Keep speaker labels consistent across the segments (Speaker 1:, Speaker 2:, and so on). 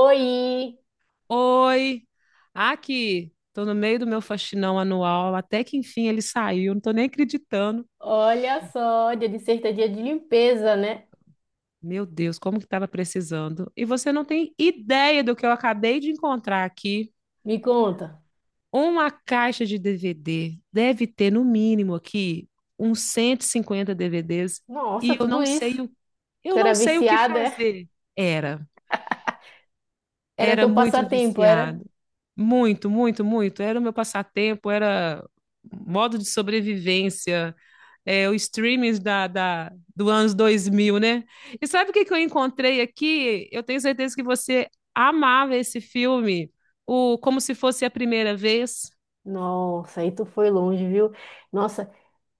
Speaker 1: Oi,
Speaker 2: Oi, aqui, tô no meio do meu faxinão anual, até que enfim ele saiu, não tô nem acreditando.
Speaker 1: olha só, dia de sexta é dia de limpeza, né?
Speaker 2: Meu Deus, como que tava precisando? E você não tem ideia do que eu acabei de encontrar aqui.
Speaker 1: Me conta.
Speaker 2: Uma caixa de DVD. Deve ter no mínimo aqui uns 150 DVDs
Speaker 1: Nossa,
Speaker 2: e
Speaker 1: tudo isso.
Speaker 2: eu
Speaker 1: Tu
Speaker 2: não
Speaker 1: era
Speaker 2: sei o que
Speaker 1: viciada, é?
Speaker 2: fazer. Era,
Speaker 1: Era
Speaker 2: era
Speaker 1: teu
Speaker 2: muito
Speaker 1: passatempo, era?
Speaker 2: viciado. Muito, muito, muito. Era o meu passatempo, era modo de sobrevivência, é, o streaming do anos 2000, né? E sabe o que, que eu encontrei aqui? Eu tenho certeza que você amava esse filme, o Como Se Fosse a Primeira Vez.
Speaker 1: Nossa, aí tu foi longe, viu? Nossa,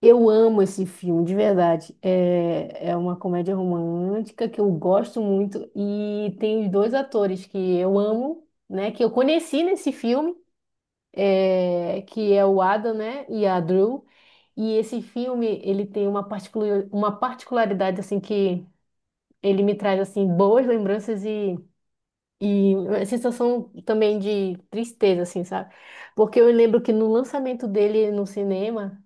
Speaker 1: eu amo esse filme, de verdade. É uma comédia romântica que eu gosto muito e tem os dois atores que eu amo, né? Que eu conheci nesse filme, que é o Adam, né? E a Drew. E esse filme, ele tem uma particularidade, assim, que ele me traz, assim, boas lembranças e uma sensação também de tristeza, assim, sabe? Porque eu lembro que no lançamento dele no cinema,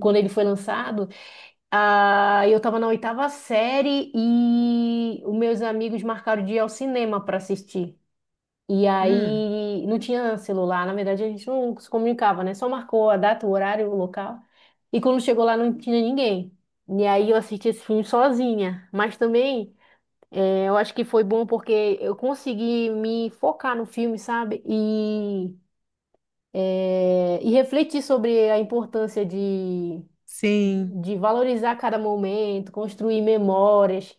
Speaker 1: quando ele foi lançado, eu tava na oitava série e os meus amigos marcaram de ir ao cinema para assistir. E
Speaker 2: Hum,
Speaker 1: aí não tinha celular, na verdade a gente não se comunicava, né? Só marcou a data, o horário, o local. E quando chegou lá não tinha ninguém. E aí eu assisti esse filme sozinha. Mas também eu acho que foi bom porque eu consegui me focar no filme, sabe? E refletir sobre a importância de,
Speaker 2: sim,
Speaker 1: valorizar cada momento, construir memórias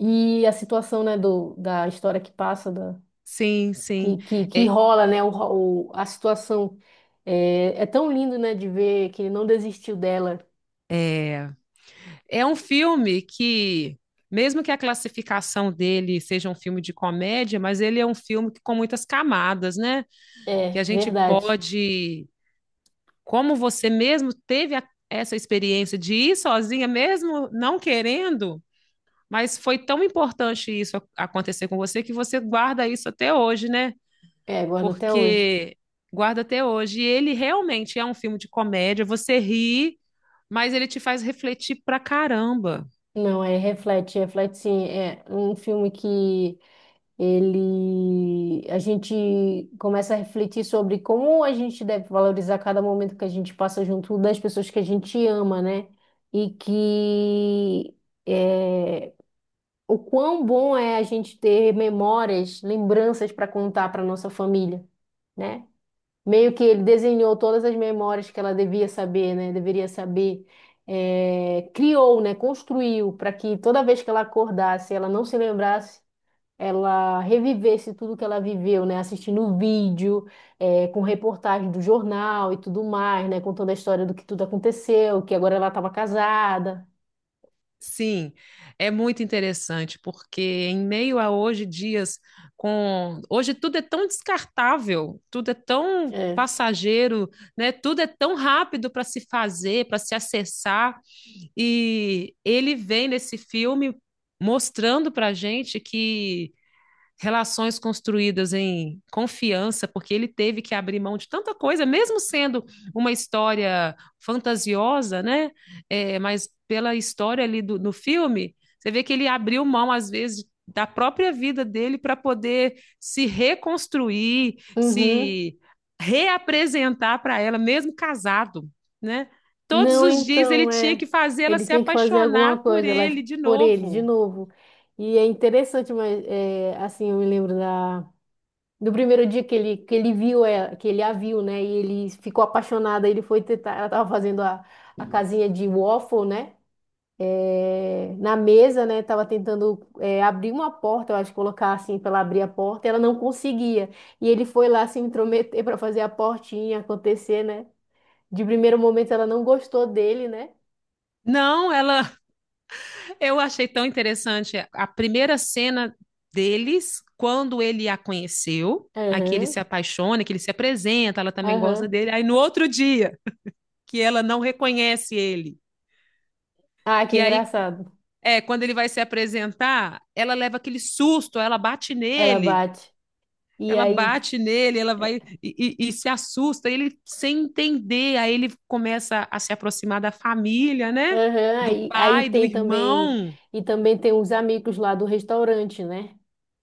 Speaker 1: e a situação, né, da história que passa,
Speaker 2: sim, sim.
Speaker 1: que
Speaker 2: É,
Speaker 1: rola, né? A situação. É tão lindo, né, de ver que ele não desistiu dela.
Speaker 2: é, é um filme que, mesmo que a classificação dele seja um filme de comédia, mas ele é um filme que, com muitas camadas, né?
Speaker 1: É,
Speaker 2: Que a gente
Speaker 1: verdade.
Speaker 2: pode como você mesmo teve essa experiência de ir sozinha, mesmo não querendo, mas foi tão importante isso acontecer com você que você guarda isso até hoje, né?
Speaker 1: É, guardo até hoje.
Speaker 2: Porque guarda até hoje. E ele realmente é um filme de comédia, você ri, mas ele te faz refletir pra caramba.
Speaker 1: Não, é reflete sim. É um filme que ele a gente começa a refletir sobre como a gente deve valorizar cada momento que a gente passa junto das pessoas que a gente ama, né? E que é, o quão bom é a gente ter memórias, lembranças para contar para nossa família, né? Meio que ele desenhou todas as memórias que ela devia saber, né? Deveria saber. É, criou, né? Construiu para que toda vez que ela acordasse, ela não se lembrasse, ela revivesse tudo que ela viveu, né? Assistindo vídeo, com reportagem do jornal e tudo mais, né? Contando a história do que tudo aconteceu, que agora ela estava casada.
Speaker 2: Sim, é muito interessante, porque em meio a hoje dias com hoje tudo é tão descartável, tudo é tão
Speaker 1: É.
Speaker 2: passageiro, né? Tudo é tão rápido para se fazer, para se acessar, e ele vem nesse filme mostrando para gente que relações construídas em confiança, porque ele teve que abrir mão de tanta coisa, mesmo sendo uma história fantasiosa, né? É, mas pela história ali no filme, você vê que ele abriu mão, às vezes, da própria vida dele para poder se reconstruir,
Speaker 1: Uhum.
Speaker 2: se reapresentar para ela, mesmo casado, né? Todos
Speaker 1: Não,
Speaker 2: os dias ele
Speaker 1: então,
Speaker 2: tinha
Speaker 1: é.
Speaker 2: que fazer ela
Speaker 1: Ele
Speaker 2: se
Speaker 1: tinha que fazer alguma
Speaker 2: apaixonar por
Speaker 1: coisa lá
Speaker 2: ele de
Speaker 1: por ele, de
Speaker 2: novo.
Speaker 1: novo. E é interessante, mas é, assim, eu me lembro do primeiro dia que ele a viu, né? E ele ficou apaixonado, aí ele foi tentar, ela tava fazendo a casinha de waffle, né? É, na mesa, né? Tava tentando abrir uma porta, eu acho, colocar assim para ela abrir a porta, e ela não conseguia. E ele foi lá se intrometer para fazer a portinha acontecer, né? De primeiro momento ela não gostou dele, né?
Speaker 2: Não, ela eu achei tão interessante a primeira cena deles, quando ele a conheceu, aqui ele
Speaker 1: Aham,
Speaker 2: se apaixona, que ele se apresenta, ela também gosta
Speaker 1: aham.
Speaker 2: dele. Aí no outro dia, que ela não reconhece ele,
Speaker 1: Ah, que
Speaker 2: que aí
Speaker 1: engraçado.
Speaker 2: é quando ele vai se apresentar, ela leva aquele susto, ela bate
Speaker 1: Ela
Speaker 2: nele,
Speaker 1: bate. E
Speaker 2: ela
Speaker 1: aí?
Speaker 2: bate nele, ela
Speaker 1: é,
Speaker 2: vai e se assusta, ele sem entender, aí ele começa a se aproximar da família, né?
Speaker 1: Aham,
Speaker 2: Do
Speaker 1: aí
Speaker 2: pai, do
Speaker 1: tem também,
Speaker 2: irmão,
Speaker 1: e também tem uns amigos lá do restaurante, né?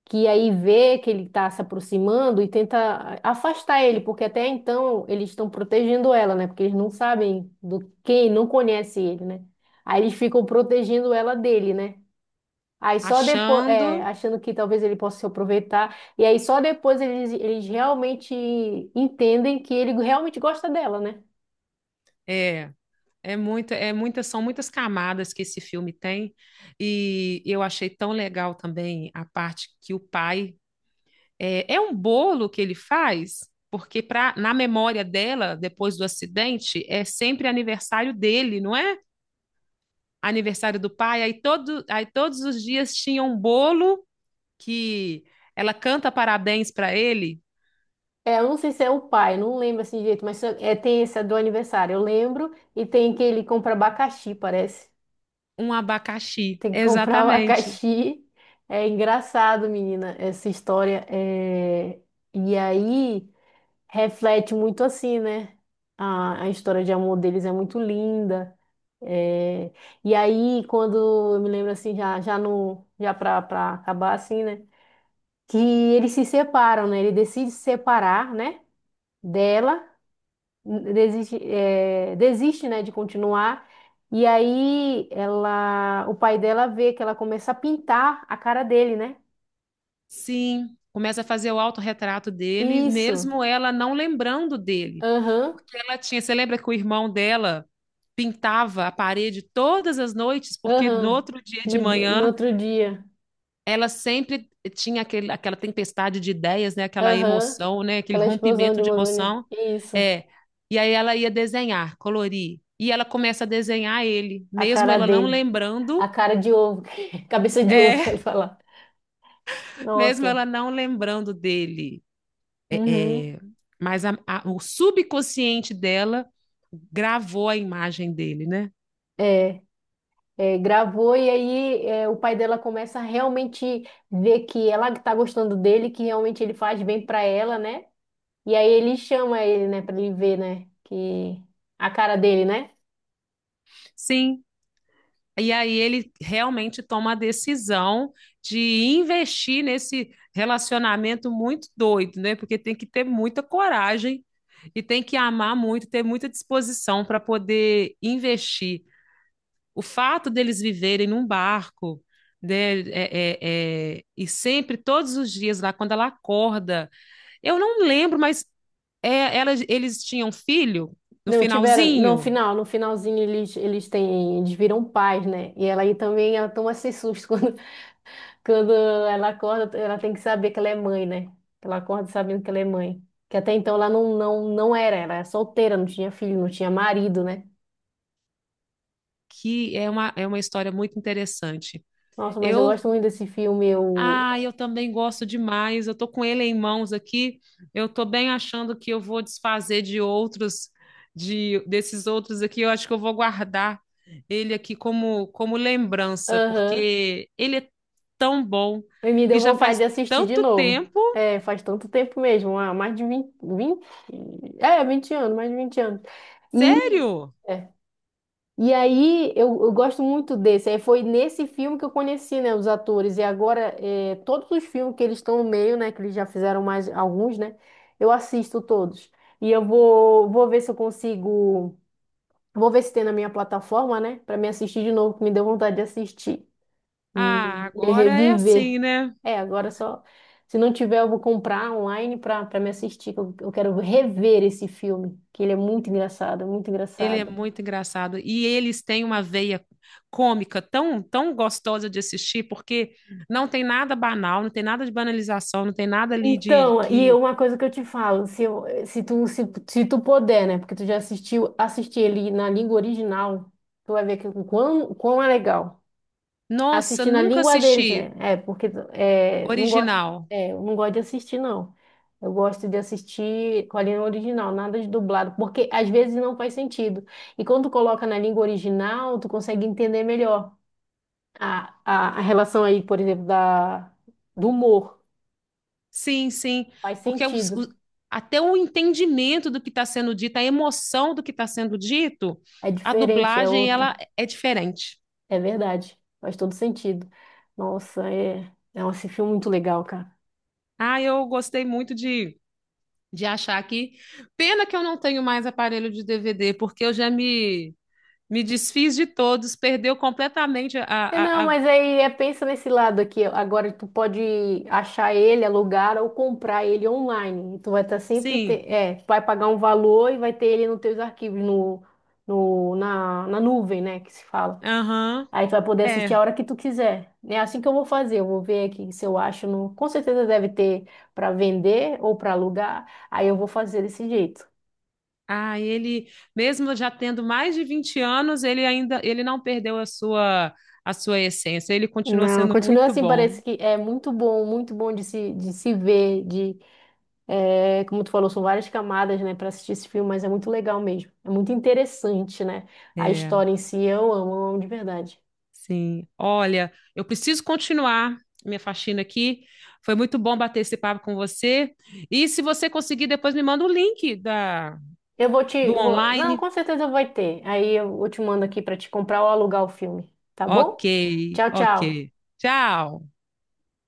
Speaker 1: Que aí vê que ele tá se aproximando e tenta afastar ele, porque até então eles estão protegendo ela, né? Porque eles não sabem do quem, não conhece ele, né? Aí eles ficam protegendo ela dele, né? Aí só depois,
Speaker 2: achando
Speaker 1: achando que talvez ele possa se aproveitar. E aí só depois eles realmente entendem que ele realmente gosta dela, né?
Speaker 2: é. É muita, são muitas camadas que esse filme tem, e eu achei tão legal também a parte que o pai é um bolo que ele faz, porque na memória dela, depois do acidente, é sempre aniversário dele, não é? Aniversário do pai, aí todos os dias tinha um bolo que ela canta parabéns para ele,
Speaker 1: É, eu não sei se é o pai, não lembro assim direito, mas tem esse do aniversário, eu lembro. E tem que ele compra abacaxi, parece.
Speaker 2: um abacaxi,
Speaker 1: Tem que comprar o
Speaker 2: exatamente.
Speaker 1: abacaxi. É engraçado, menina, essa história. É... E aí. Reflete muito assim, né? A história de amor deles é muito linda. É, e aí, quando eu me lembro assim, já, já no, já pra, pra acabar assim, né? Que eles se separam, né? Ele decide se separar, né? Dela, desiste, né? De continuar. E aí, ela, o pai dela vê que ela começa a pintar a cara dele, né?
Speaker 2: Sim, começa a fazer o autorretrato dele,
Speaker 1: Isso.
Speaker 2: mesmo ela não lembrando dele.
Speaker 1: Aham,
Speaker 2: Porque ela tinha, você lembra que o irmão dela pintava a parede todas as noites, porque no
Speaker 1: aham.
Speaker 2: outro dia de
Speaker 1: No,
Speaker 2: manhã
Speaker 1: no outro dia.
Speaker 2: ela sempre tinha aquela tempestade de ideias, né, aquela
Speaker 1: Aham.
Speaker 2: emoção, né, aquele
Speaker 1: Aquela explosão de
Speaker 2: rompimento de
Speaker 1: Amazônia.
Speaker 2: emoção.
Speaker 1: Isso.
Speaker 2: É, e aí ela ia desenhar, colorir. E ela começa a desenhar ele,
Speaker 1: A
Speaker 2: mesmo
Speaker 1: cara
Speaker 2: ela não
Speaker 1: dele. A
Speaker 2: lembrando,
Speaker 1: cara de ovo. Cabeça de ovo, quero
Speaker 2: é,
Speaker 1: falar.
Speaker 2: mesmo
Speaker 1: Nossa.
Speaker 2: ela não lembrando dele. É,
Speaker 1: Uhum.
Speaker 2: é, mas o subconsciente dela gravou a imagem dele, né?
Speaker 1: É, gravou e aí o pai dela começa a realmente ver que ela que tá gostando dele, que realmente ele faz bem pra ela, né? E aí ele chama ele, né, pra ele ver, né, que a cara dele, né?
Speaker 2: Sim. E aí ele realmente toma a decisão de investir nesse relacionamento muito doido, né? Porque tem que ter muita coragem e tem que amar muito, ter muita disposição para poder investir. O fato deles viverem num barco, né? E sempre, todos os dias, lá quando ela acorda. Eu não lembro, mas eles tinham um filho no
Speaker 1: Não, tiveram, no
Speaker 2: finalzinho,
Speaker 1: final, no finalzinho eles têm, eles viram pais, né? E ela aí também, ela toma esse susto quando Quando ela acorda, ela tem que saber que ela é mãe, né? Ela acorda sabendo que ela é mãe. Que até então ela não era, ela era solteira, não tinha filho, não tinha marido, né?
Speaker 2: que é uma história muito interessante.
Speaker 1: Nossa, mas eu
Speaker 2: Eu,
Speaker 1: gosto muito desse filme, eu...
Speaker 2: eu também gosto demais. Eu tô com ele em mãos aqui. Eu tô bem achando que eu vou desfazer de outros, de desses outros aqui. Eu acho que eu vou guardar ele aqui como lembrança,
Speaker 1: Aham.
Speaker 2: porque ele é tão bom
Speaker 1: E me deu
Speaker 2: e já
Speaker 1: vontade
Speaker 2: faz
Speaker 1: de assistir de
Speaker 2: tanto
Speaker 1: novo.
Speaker 2: tempo.
Speaker 1: É, faz tanto tempo mesmo, ah, mais de vinte. É, 20 anos, mais de 20 anos. E...
Speaker 2: Sério?
Speaker 1: é. E aí, eu gosto muito desse. Aí foi nesse filme que eu conheci, né, os atores. E agora, todos os filmes que eles estão no meio, né, que eles já fizeram mais alguns, né, eu assisto todos. E eu vou ver se eu consigo, vou ver se tem na minha plataforma, né, para me assistir de novo, que me deu vontade de assistir e,
Speaker 2: Ah,
Speaker 1: e
Speaker 2: agora é
Speaker 1: reviver.
Speaker 2: assim, né?
Speaker 1: É, agora só, se não tiver, eu vou comprar online para me assistir, que eu quero rever esse filme, que ele é muito engraçado, muito
Speaker 2: Ele é
Speaker 1: engraçado.
Speaker 2: muito engraçado. E eles têm uma veia cômica tão, tão gostosa de assistir, porque não tem nada banal, não tem nada de banalização, não tem nada ali de
Speaker 1: Então, e
Speaker 2: que.
Speaker 1: uma coisa que eu te falo, se, eu- se tu, se tu puder, né? Porque tu já assistiu, assistir ele na língua original, tu vai ver que o quão é legal.
Speaker 2: Nossa,
Speaker 1: Assistir na
Speaker 2: nunca
Speaker 1: língua deles, né?
Speaker 2: assisti
Speaker 1: É, porque não gosto,
Speaker 2: original.
Speaker 1: eu não gosto de assistir, não. Eu gosto de assistir com a língua original, nada de dublado, porque às vezes não faz sentido. E quando tu coloca na língua original, tu consegue entender melhor a relação aí, por exemplo, do humor.
Speaker 2: Sim, sim.
Speaker 1: Faz
Speaker 2: Porque
Speaker 1: sentido.
Speaker 2: até o entendimento do que está sendo dito, a emoção do que está sendo dito,
Speaker 1: É
Speaker 2: a
Speaker 1: diferente, é
Speaker 2: dublagem
Speaker 1: outra.
Speaker 2: ela é diferente.
Speaker 1: É verdade. Faz todo sentido. Nossa, é. Nossa, esse filme é muito legal, cara.
Speaker 2: Ah, eu gostei muito de achar que. Pena que eu não tenho mais aparelho de DVD, porque eu já me Me desfiz de todos, perdeu completamente.
Speaker 1: É, não, mas aí é, pensa nesse lado aqui. Agora tu pode achar ele, alugar ou comprar ele online. E tu vai estar sempre. Te...
Speaker 2: Sim,
Speaker 1: É, tu vai pagar um valor e vai ter ele nos teus arquivos, no, no, na, na nuvem, né? Que se fala.
Speaker 2: aham,
Speaker 1: Aí tu vai poder
Speaker 2: é.
Speaker 1: assistir a hora que tu quiser. É assim que eu vou fazer. Eu vou ver aqui se eu acho. No... Com certeza deve ter para vender ou para alugar. Aí eu vou fazer desse jeito.
Speaker 2: Ah, ele, mesmo já tendo mais de 20 anos, ele ainda, ele não perdeu a sua essência, ele continua
Speaker 1: Não,
Speaker 2: sendo
Speaker 1: continua
Speaker 2: muito
Speaker 1: assim,
Speaker 2: bom.
Speaker 1: parece que é muito bom de se ver, como tu falou, são várias camadas, né, para assistir esse filme, mas é muito legal mesmo, é muito interessante, né, a
Speaker 2: É,
Speaker 1: história em si, eu amo de verdade.
Speaker 2: sim. Olha, eu preciso continuar minha faxina aqui, foi muito bom bater esse papo com você, e se você conseguir, depois me manda o link
Speaker 1: Eu vou te,
Speaker 2: do
Speaker 1: vou- Não,
Speaker 2: online.
Speaker 1: com certeza vai ter, aí eu te mando aqui para te comprar ou alugar o filme, tá
Speaker 2: Ok,
Speaker 1: bom? Tchau,
Speaker 2: ok.
Speaker 1: tchau.
Speaker 2: Tchau.